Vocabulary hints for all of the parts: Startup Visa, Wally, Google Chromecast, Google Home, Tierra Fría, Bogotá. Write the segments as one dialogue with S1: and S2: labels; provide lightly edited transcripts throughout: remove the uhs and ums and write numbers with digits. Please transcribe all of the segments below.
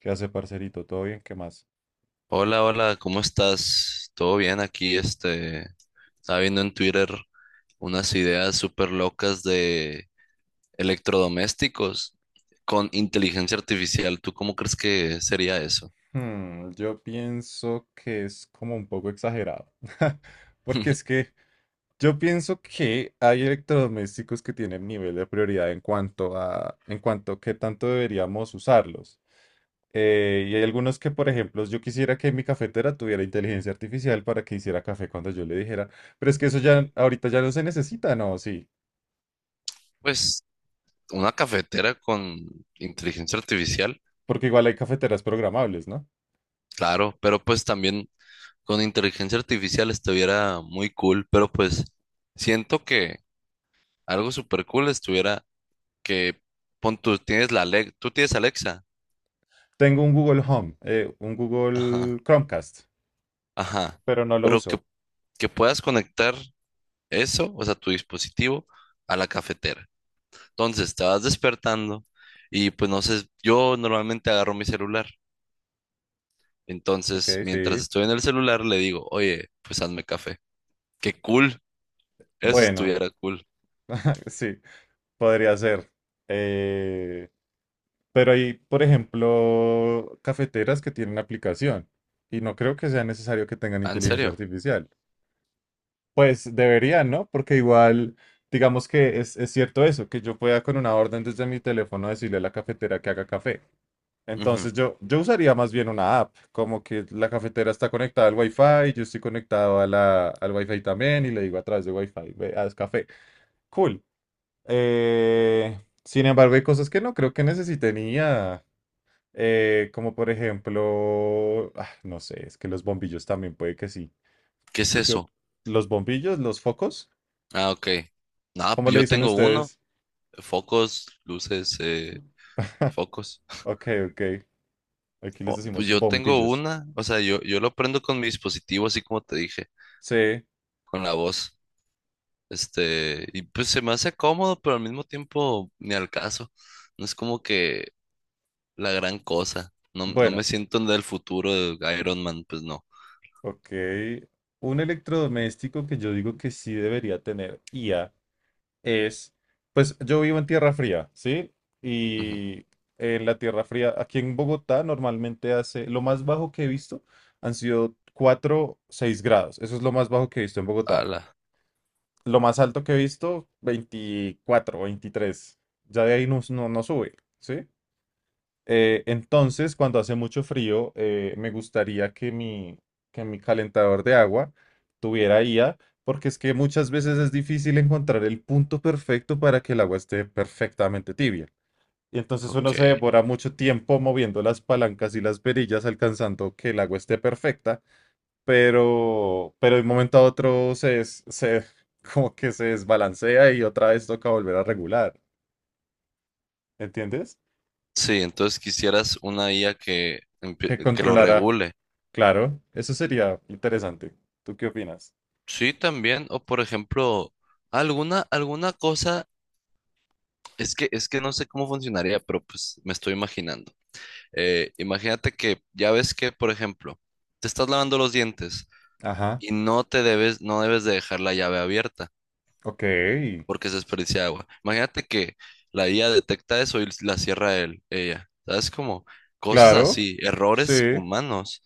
S1: ¿Qué hace, parcerito? ¿Todo bien? ¿Qué más?
S2: Hola, hola, ¿cómo estás? ¿Todo bien aquí? Estaba viendo en Twitter unas ideas súper locas de electrodomésticos con inteligencia artificial. ¿Tú cómo crees que sería eso?
S1: Yo pienso que es como un poco exagerado. Porque es que yo pienso que hay electrodomésticos que tienen nivel de prioridad en cuanto a qué tanto deberíamos usarlos. Y hay algunos que, por ejemplo, yo quisiera que mi cafetera tuviera inteligencia artificial para que hiciera café cuando yo le dijera, pero es que eso ya ahorita ya no se necesita, ¿no? Sí,
S2: Pues una cafetera con inteligencia artificial,
S1: porque igual hay cafeteras programables, ¿no?
S2: claro, pero pues también con inteligencia artificial estuviera muy cool, pero pues siento que algo súper cool estuviera que pon tú tienes la Alex, tú tienes Alexa.
S1: Tengo un Google Home, un
S2: Ajá.
S1: Google Chromecast.
S2: Ajá,
S1: Pero no lo
S2: pero que,
S1: uso.
S2: que puedas conectar eso, o sea, tu dispositivo a la cafetera. Entonces, te vas despertando y pues no sé, yo normalmente agarro mi celular.
S1: Ok,
S2: Entonces, mientras
S1: sí.
S2: estoy en el celular, le digo, oye, pues hazme café. Qué cool, eso
S1: Bueno,
S2: estuviera cool.
S1: sí, podría ser. Eh, pero hay, por ejemplo, cafeteras que tienen aplicación y no creo que sea necesario que tengan
S2: Ah, ¿en
S1: inteligencia
S2: serio?
S1: artificial. Pues deberían, ¿no? Porque igual, digamos que es cierto eso, que yo pueda con una orden desde mi teléfono decirle a la cafetera que haga café.
S2: Ujú.
S1: Entonces yo usaría más bien una app, como que la cafetera está conectada al Wi-Fi, yo estoy conectado a al Wi-Fi también y le digo a través de Wi-Fi, ve, haz café. Cool. Sin embargo, hay cosas que no creo que necesite niña. Como por ejemplo, no sé, es que los bombillos también puede que sí.
S2: ¿Qué es
S1: ¿Tú qué op-
S2: eso?
S1: ¿Los bombillos? ¿Los focos?
S2: Ah, ok. No,
S1: ¿Cómo
S2: pues
S1: le
S2: yo
S1: dicen
S2: tengo uno,
S1: ustedes?
S2: focos, luces, focos.
S1: Ok, ok. Aquí les
S2: Oh, pues
S1: decimos
S2: yo tengo
S1: bombillos.
S2: una, o sea, yo lo prendo con mi dispositivo, así como te dije,
S1: Sí,
S2: con la voz. Y pues se me hace cómodo, pero al mismo tiempo ni al caso. No es como que la gran cosa. No, no
S1: bueno,
S2: me siento en el futuro de Iron Man, pues no.
S1: ok. Un electrodoméstico que yo digo que sí debería tener IA es, pues yo vivo en Tierra Fría, ¿sí?
S2: Ujú.
S1: Y en la Tierra Fría, aquí en Bogotá, normalmente hace, lo más bajo que he visto han sido 4-6 grados. Eso es lo más bajo que he visto en Bogotá.
S2: Ala,
S1: Lo más alto que he visto, 24, 23. Ya de ahí no sube, ¿sí? Entonces, cuando hace mucho frío, me gustaría que mi calentador de agua tuviera IA, porque es que muchas veces es difícil encontrar el punto perfecto para que el agua esté perfectamente tibia. Y entonces uno
S2: ok.
S1: se devora mucho tiempo moviendo las palancas y las perillas, alcanzando que el agua esté perfecta, pero de un momento a otro se como que se desbalancea y otra vez toca volver a regular. ¿Entiendes?
S2: Sí, entonces quisieras una IA que,
S1: Que
S2: que lo
S1: controlará.
S2: regule.
S1: Claro, eso sería interesante. ¿Tú qué opinas?
S2: Sí, también. O por ejemplo, alguna cosa, es que no sé cómo funcionaría, pero pues me estoy imaginando. Imagínate que ya ves que, por ejemplo, te estás lavando los dientes.
S1: Ajá,
S2: Y no debes de dejar la llave abierta
S1: ok.
S2: porque se desperdicia agua. Imagínate que la IA detecta eso y la cierra él, ella. ¿Sabes? Como cosas
S1: Claro,
S2: así, errores
S1: sí,
S2: humanos,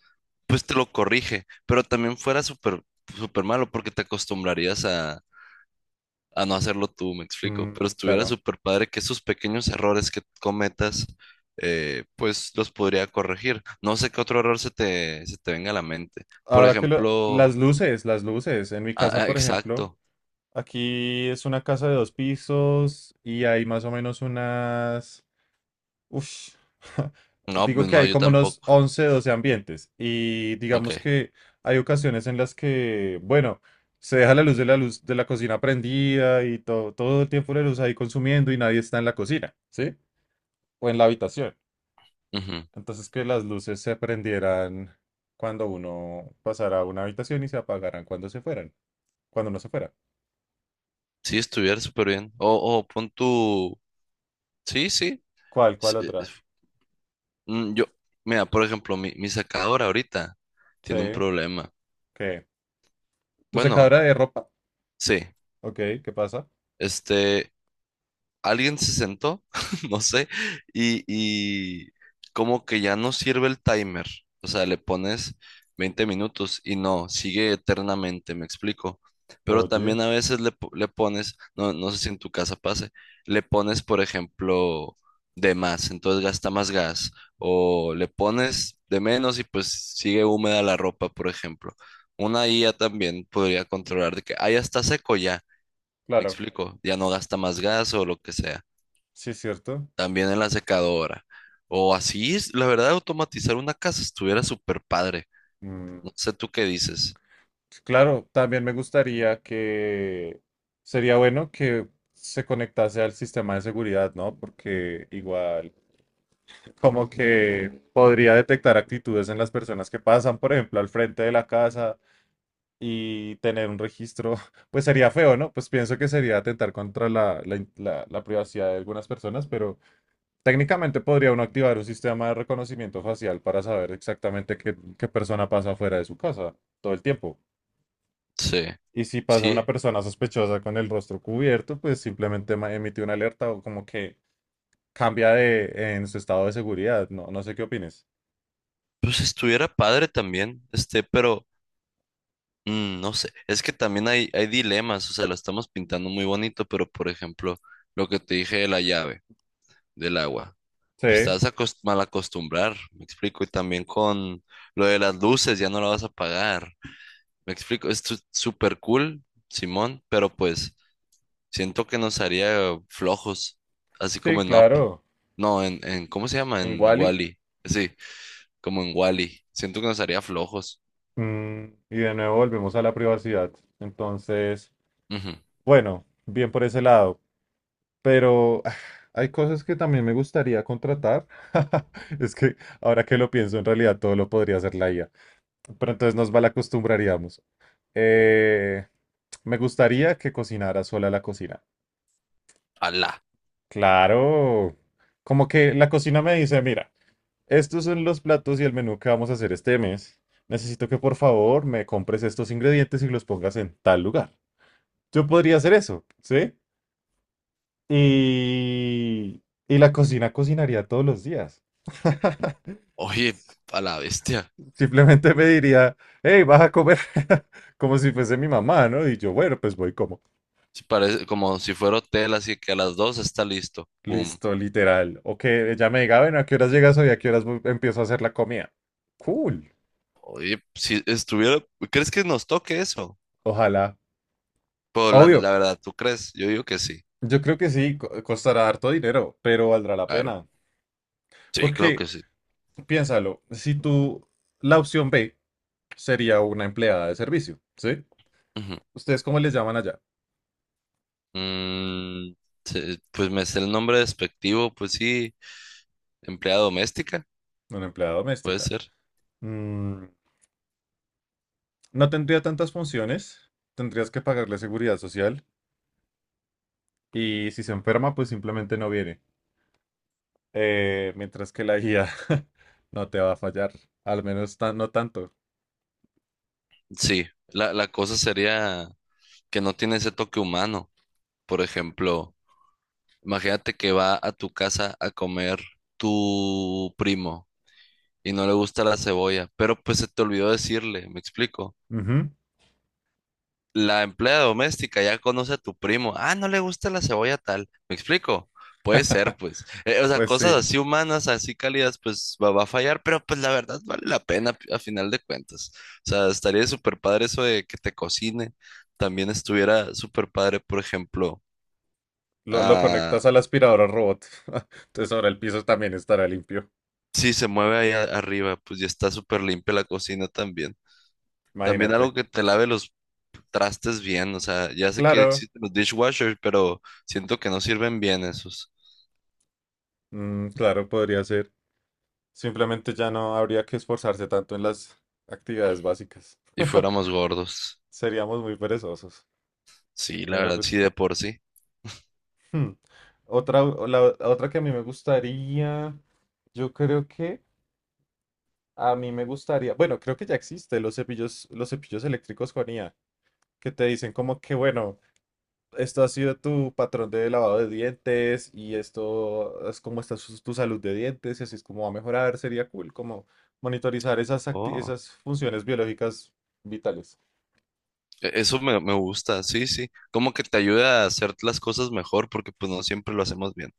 S2: pues te lo corrige, pero también fuera súper malo porque te acostumbrarías a no hacerlo tú, me explico. Pero
S1: mm,
S2: estuviera
S1: claro.
S2: súper padre que esos pequeños errores que cometas, pues los podría corregir. No sé qué otro error se te venga a la mente. Por
S1: Las
S2: ejemplo,
S1: luces, las luces. En mi casa, por ejemplo,
S2: exacto.
S1: aquí es una casa de dos pisos y hay más o menos unas Ush,
S2: No,
S1: digo
S2: pues
S1: que
S2: no,
S1: hay
S2: yo
S1: como unos
S2: tampoco.
S1: 11-12 ambientes y
S2: Ok.
S1: digamos que hay ocasiones en las que, bueno, se deja la luz de la cocina prendida y todo, todo el tiempo la luz ahí consumiendo y nadie está en la cocina, ¿sí? O en la habitación.
S2: Ujú.
S1: Entonces que las luces se prendieran cuando uno pasara a una habitación y se apagaran cuando se fueran, cuando no se fuera.
S2: Sí, estuviera súper bien. O pon tu. Sí, sí.
S1: ¿Cuál
S2: s- eh,
S1: otra?
S2: f- Yo, mira, por ejemplo, mi secadora ahorita
S1: Sí,
S2: tiene un problema.
S1: ¿qué? ¿Tu
S2: Bueno,
S1: secadora de ropa?
S2: sí.
S1: Ok, ¿qué pasa?
S2: Este. Alguien se sentó, no sé, y como que ya no sirve el timer. O sea, le pones 20 minutos y no, sigue eternamente, me explico. Pero
S1: Oye,
S2: también a veces le pones, no sé si en tu casa pase, le pones, por ejemplo, de más, entonces gasta más gas. O le pones de menos y pues sigue húmeda la ropa, por ejemplo. Una IA también podría controlar de que, ah, ya está seco ya. Me
S1: claro,
S2: explico, ya no gasta más gas o lo que sea.
S1: sí es cierto.
S2: También en la secadora. O así, la verdad, automatizar una casa estuviera súper padre.
S1: Mm,
S2: No sé tú qué dices.
S1: sí, claro, también me gustaría que sería bueno que se conectase al sistema de seguridad, ¿no? Porque igual como que podría detectar actitudes en las personas que pasan, por ejemplo, al frente de la casa y tener un registro, pues sería feo, ¿no? Pues pienso que sería atentar contra la privacidad de algunas personas, pero técnicamente podría uno activar un sistema de reconocimiento facial para saber exactamente qué persona pasa fuera de su casa todo el tiempo.
S2: Sí,
S1: Y si pasa una
S2: sí.
S1: persona sospechosa con el rostro cubierto, pues simplemente emite una alerta o como que cambia de en su estado de seguridad. No, no sé qué opines.
S2: Pues estuviera padre también, pero no sé. Es que también hay dilemas, o sea, lo estamos pintando muy bonito, pero por ejemplo, lo que te dije de la llave, del agua.
S1: Sí,
S2: Pues te vas a mal acostumbrar, me explico. Y también con lo de las luces, ya no la vas a pagar. Me explico, esto es súper cool, Simón, pero pues. Siento que nos haría flojos, así
S1: sí,
S2: como en Up.
S1: claro.
S2: No, en ¿cómo se llama?
S1: En
S2: En
S1: Wally.
S2: Wally. Sí, como en Wally. Siento que nos haría flojos.
S1: Mm, y de nuevo volvemos a la privacidad. Entonces,
S2: Ujú.
S1: bueno, bien por ese lado. Pero hay cosas que también me gustaría contratar. Es que ahora que lo pienso, en realidad todo lo podría hacer la IA. Pero entonces nos malacostumbraríamos. Eh, Me gustaría que cocinara sola la cocina.
S2: Ala.
S1: Claro. Como que la cocina me dice, mira, estos son los platos y el menú que vamos a hacer este mes. Necesito que por favor me compres estos ingredientes y los pongas en tal lugar. Yo podría hacer eso, ¿sí? Y... y la cocina cocinaría todos los días.
S2: Oye, a la bestia.
S1: Simplemente me diría, hey, vas a comer como si fuese mi mamá, ¿no? Y yo, bueno, pues voy y como.
S2: Sí, parece como si fuera hotel, así que a las dos está listo. Pum.
S1: Listo, literal. O que ella me diga, bueno, ¿a qué horas llegas hoy? ¿A qué horas empiezo a hacer la comida? Cool.
S2: Oye, si estuviera, ¿crees que nos toque eso?
S1: Ojalá.
S2: Pues
S1: Obvio,
S2: la verdad, ¿tú crees? Yo digo que sí.
S1: yo creo que sí, costará harto dinero, pero valdrá la
S2: Claro.
S1: pena.
S2: Sí, claro
S1: Porque,
S2: que sí.
S1: piénsalo, si tú, la opción B sería una empleada de servicio, ¿sí?
S2: Ujú.
S1: ¿Ustedes cómo les llaman allá?
S2: Mm, pues me sé el nombre despectivo, pues sí, empleada doméstica,
S1: Una empleada
S2: puede
S1: doméstica.
S2: ser.
S1: Mm, no tendría tantas funciones, tendrías que pagarle seguridad social y si se enferma, pues simplemente no viene. Mientras que la guía no te va a fallar, al menos no tanto.
S2: Sí, la cosa sería que no tiene ese toque humano. Por ejemplo, imagínate que va a tu casa a comer tu primo y no le gusta la cebolla, pero pues se te olvidó decirle, ¿me explico?
S1: Ujú.
S2: La empleada doméstica ya conoce a tu primo. Ah, no le gusta la cebolla tal. ¿Me explico? Puede ser, pues. O sea,
S1: Pues
S2: cosas
S1: sí,
S2: así humanas, así cálidas, pues va a fallar, pero pues la verdad vale la pena a final de cuentas. O sea, estaría súper padre eso de que te cocine. También estuviera súper padre, por ejemplo,
S1: lo
S2: ah,
S1: conectas a la aspiradora robot, entonces ahora el piso también estará limpio,
S2: si se mueve ahí arriba, pues ya está súper limpia la cocina también. También algo
S1: imagínate.
S2: que te lave los trastes bien, o sea, ya sé que
S1: Claro,
S2: existen los dishwashers, pero siento que no sirven bien esos.
S1: mm, claro, podría ser. Simplemente ya no habría que esforzarse tanto en las actividades básicas.
S2: Y fuéramos gordos.
S1: Seríamos muy perezosos.
S2: Sí, la
S1: Mira,
S2: verdad, sí,
S1: pues,
S2: de por sí.
S1: hmm, Otra, otra que a mí me gustaría, yo creo que a mí me gustaría, bueno, creo que ya existe los cepillos eléctricos con IA, que te dicen como que, bueno, esto ha sido tu patrón de lavado de dientes y esto es como está tu salud de dientes y así es como va a mejorar, sería cool, como monitorizar
S2: Oh,
S1: esas funciones biológicas vitales.
S2: eso me gusta, sí, sí. Como que te ayuda a hacer las cosas mejor porque pues no siempre lo hacemos bien.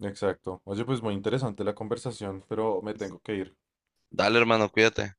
S1: Exacto. Oye, pues muy interesante la conversación, pero me tengo que ir.
S2: Dale, hermano, cuídate.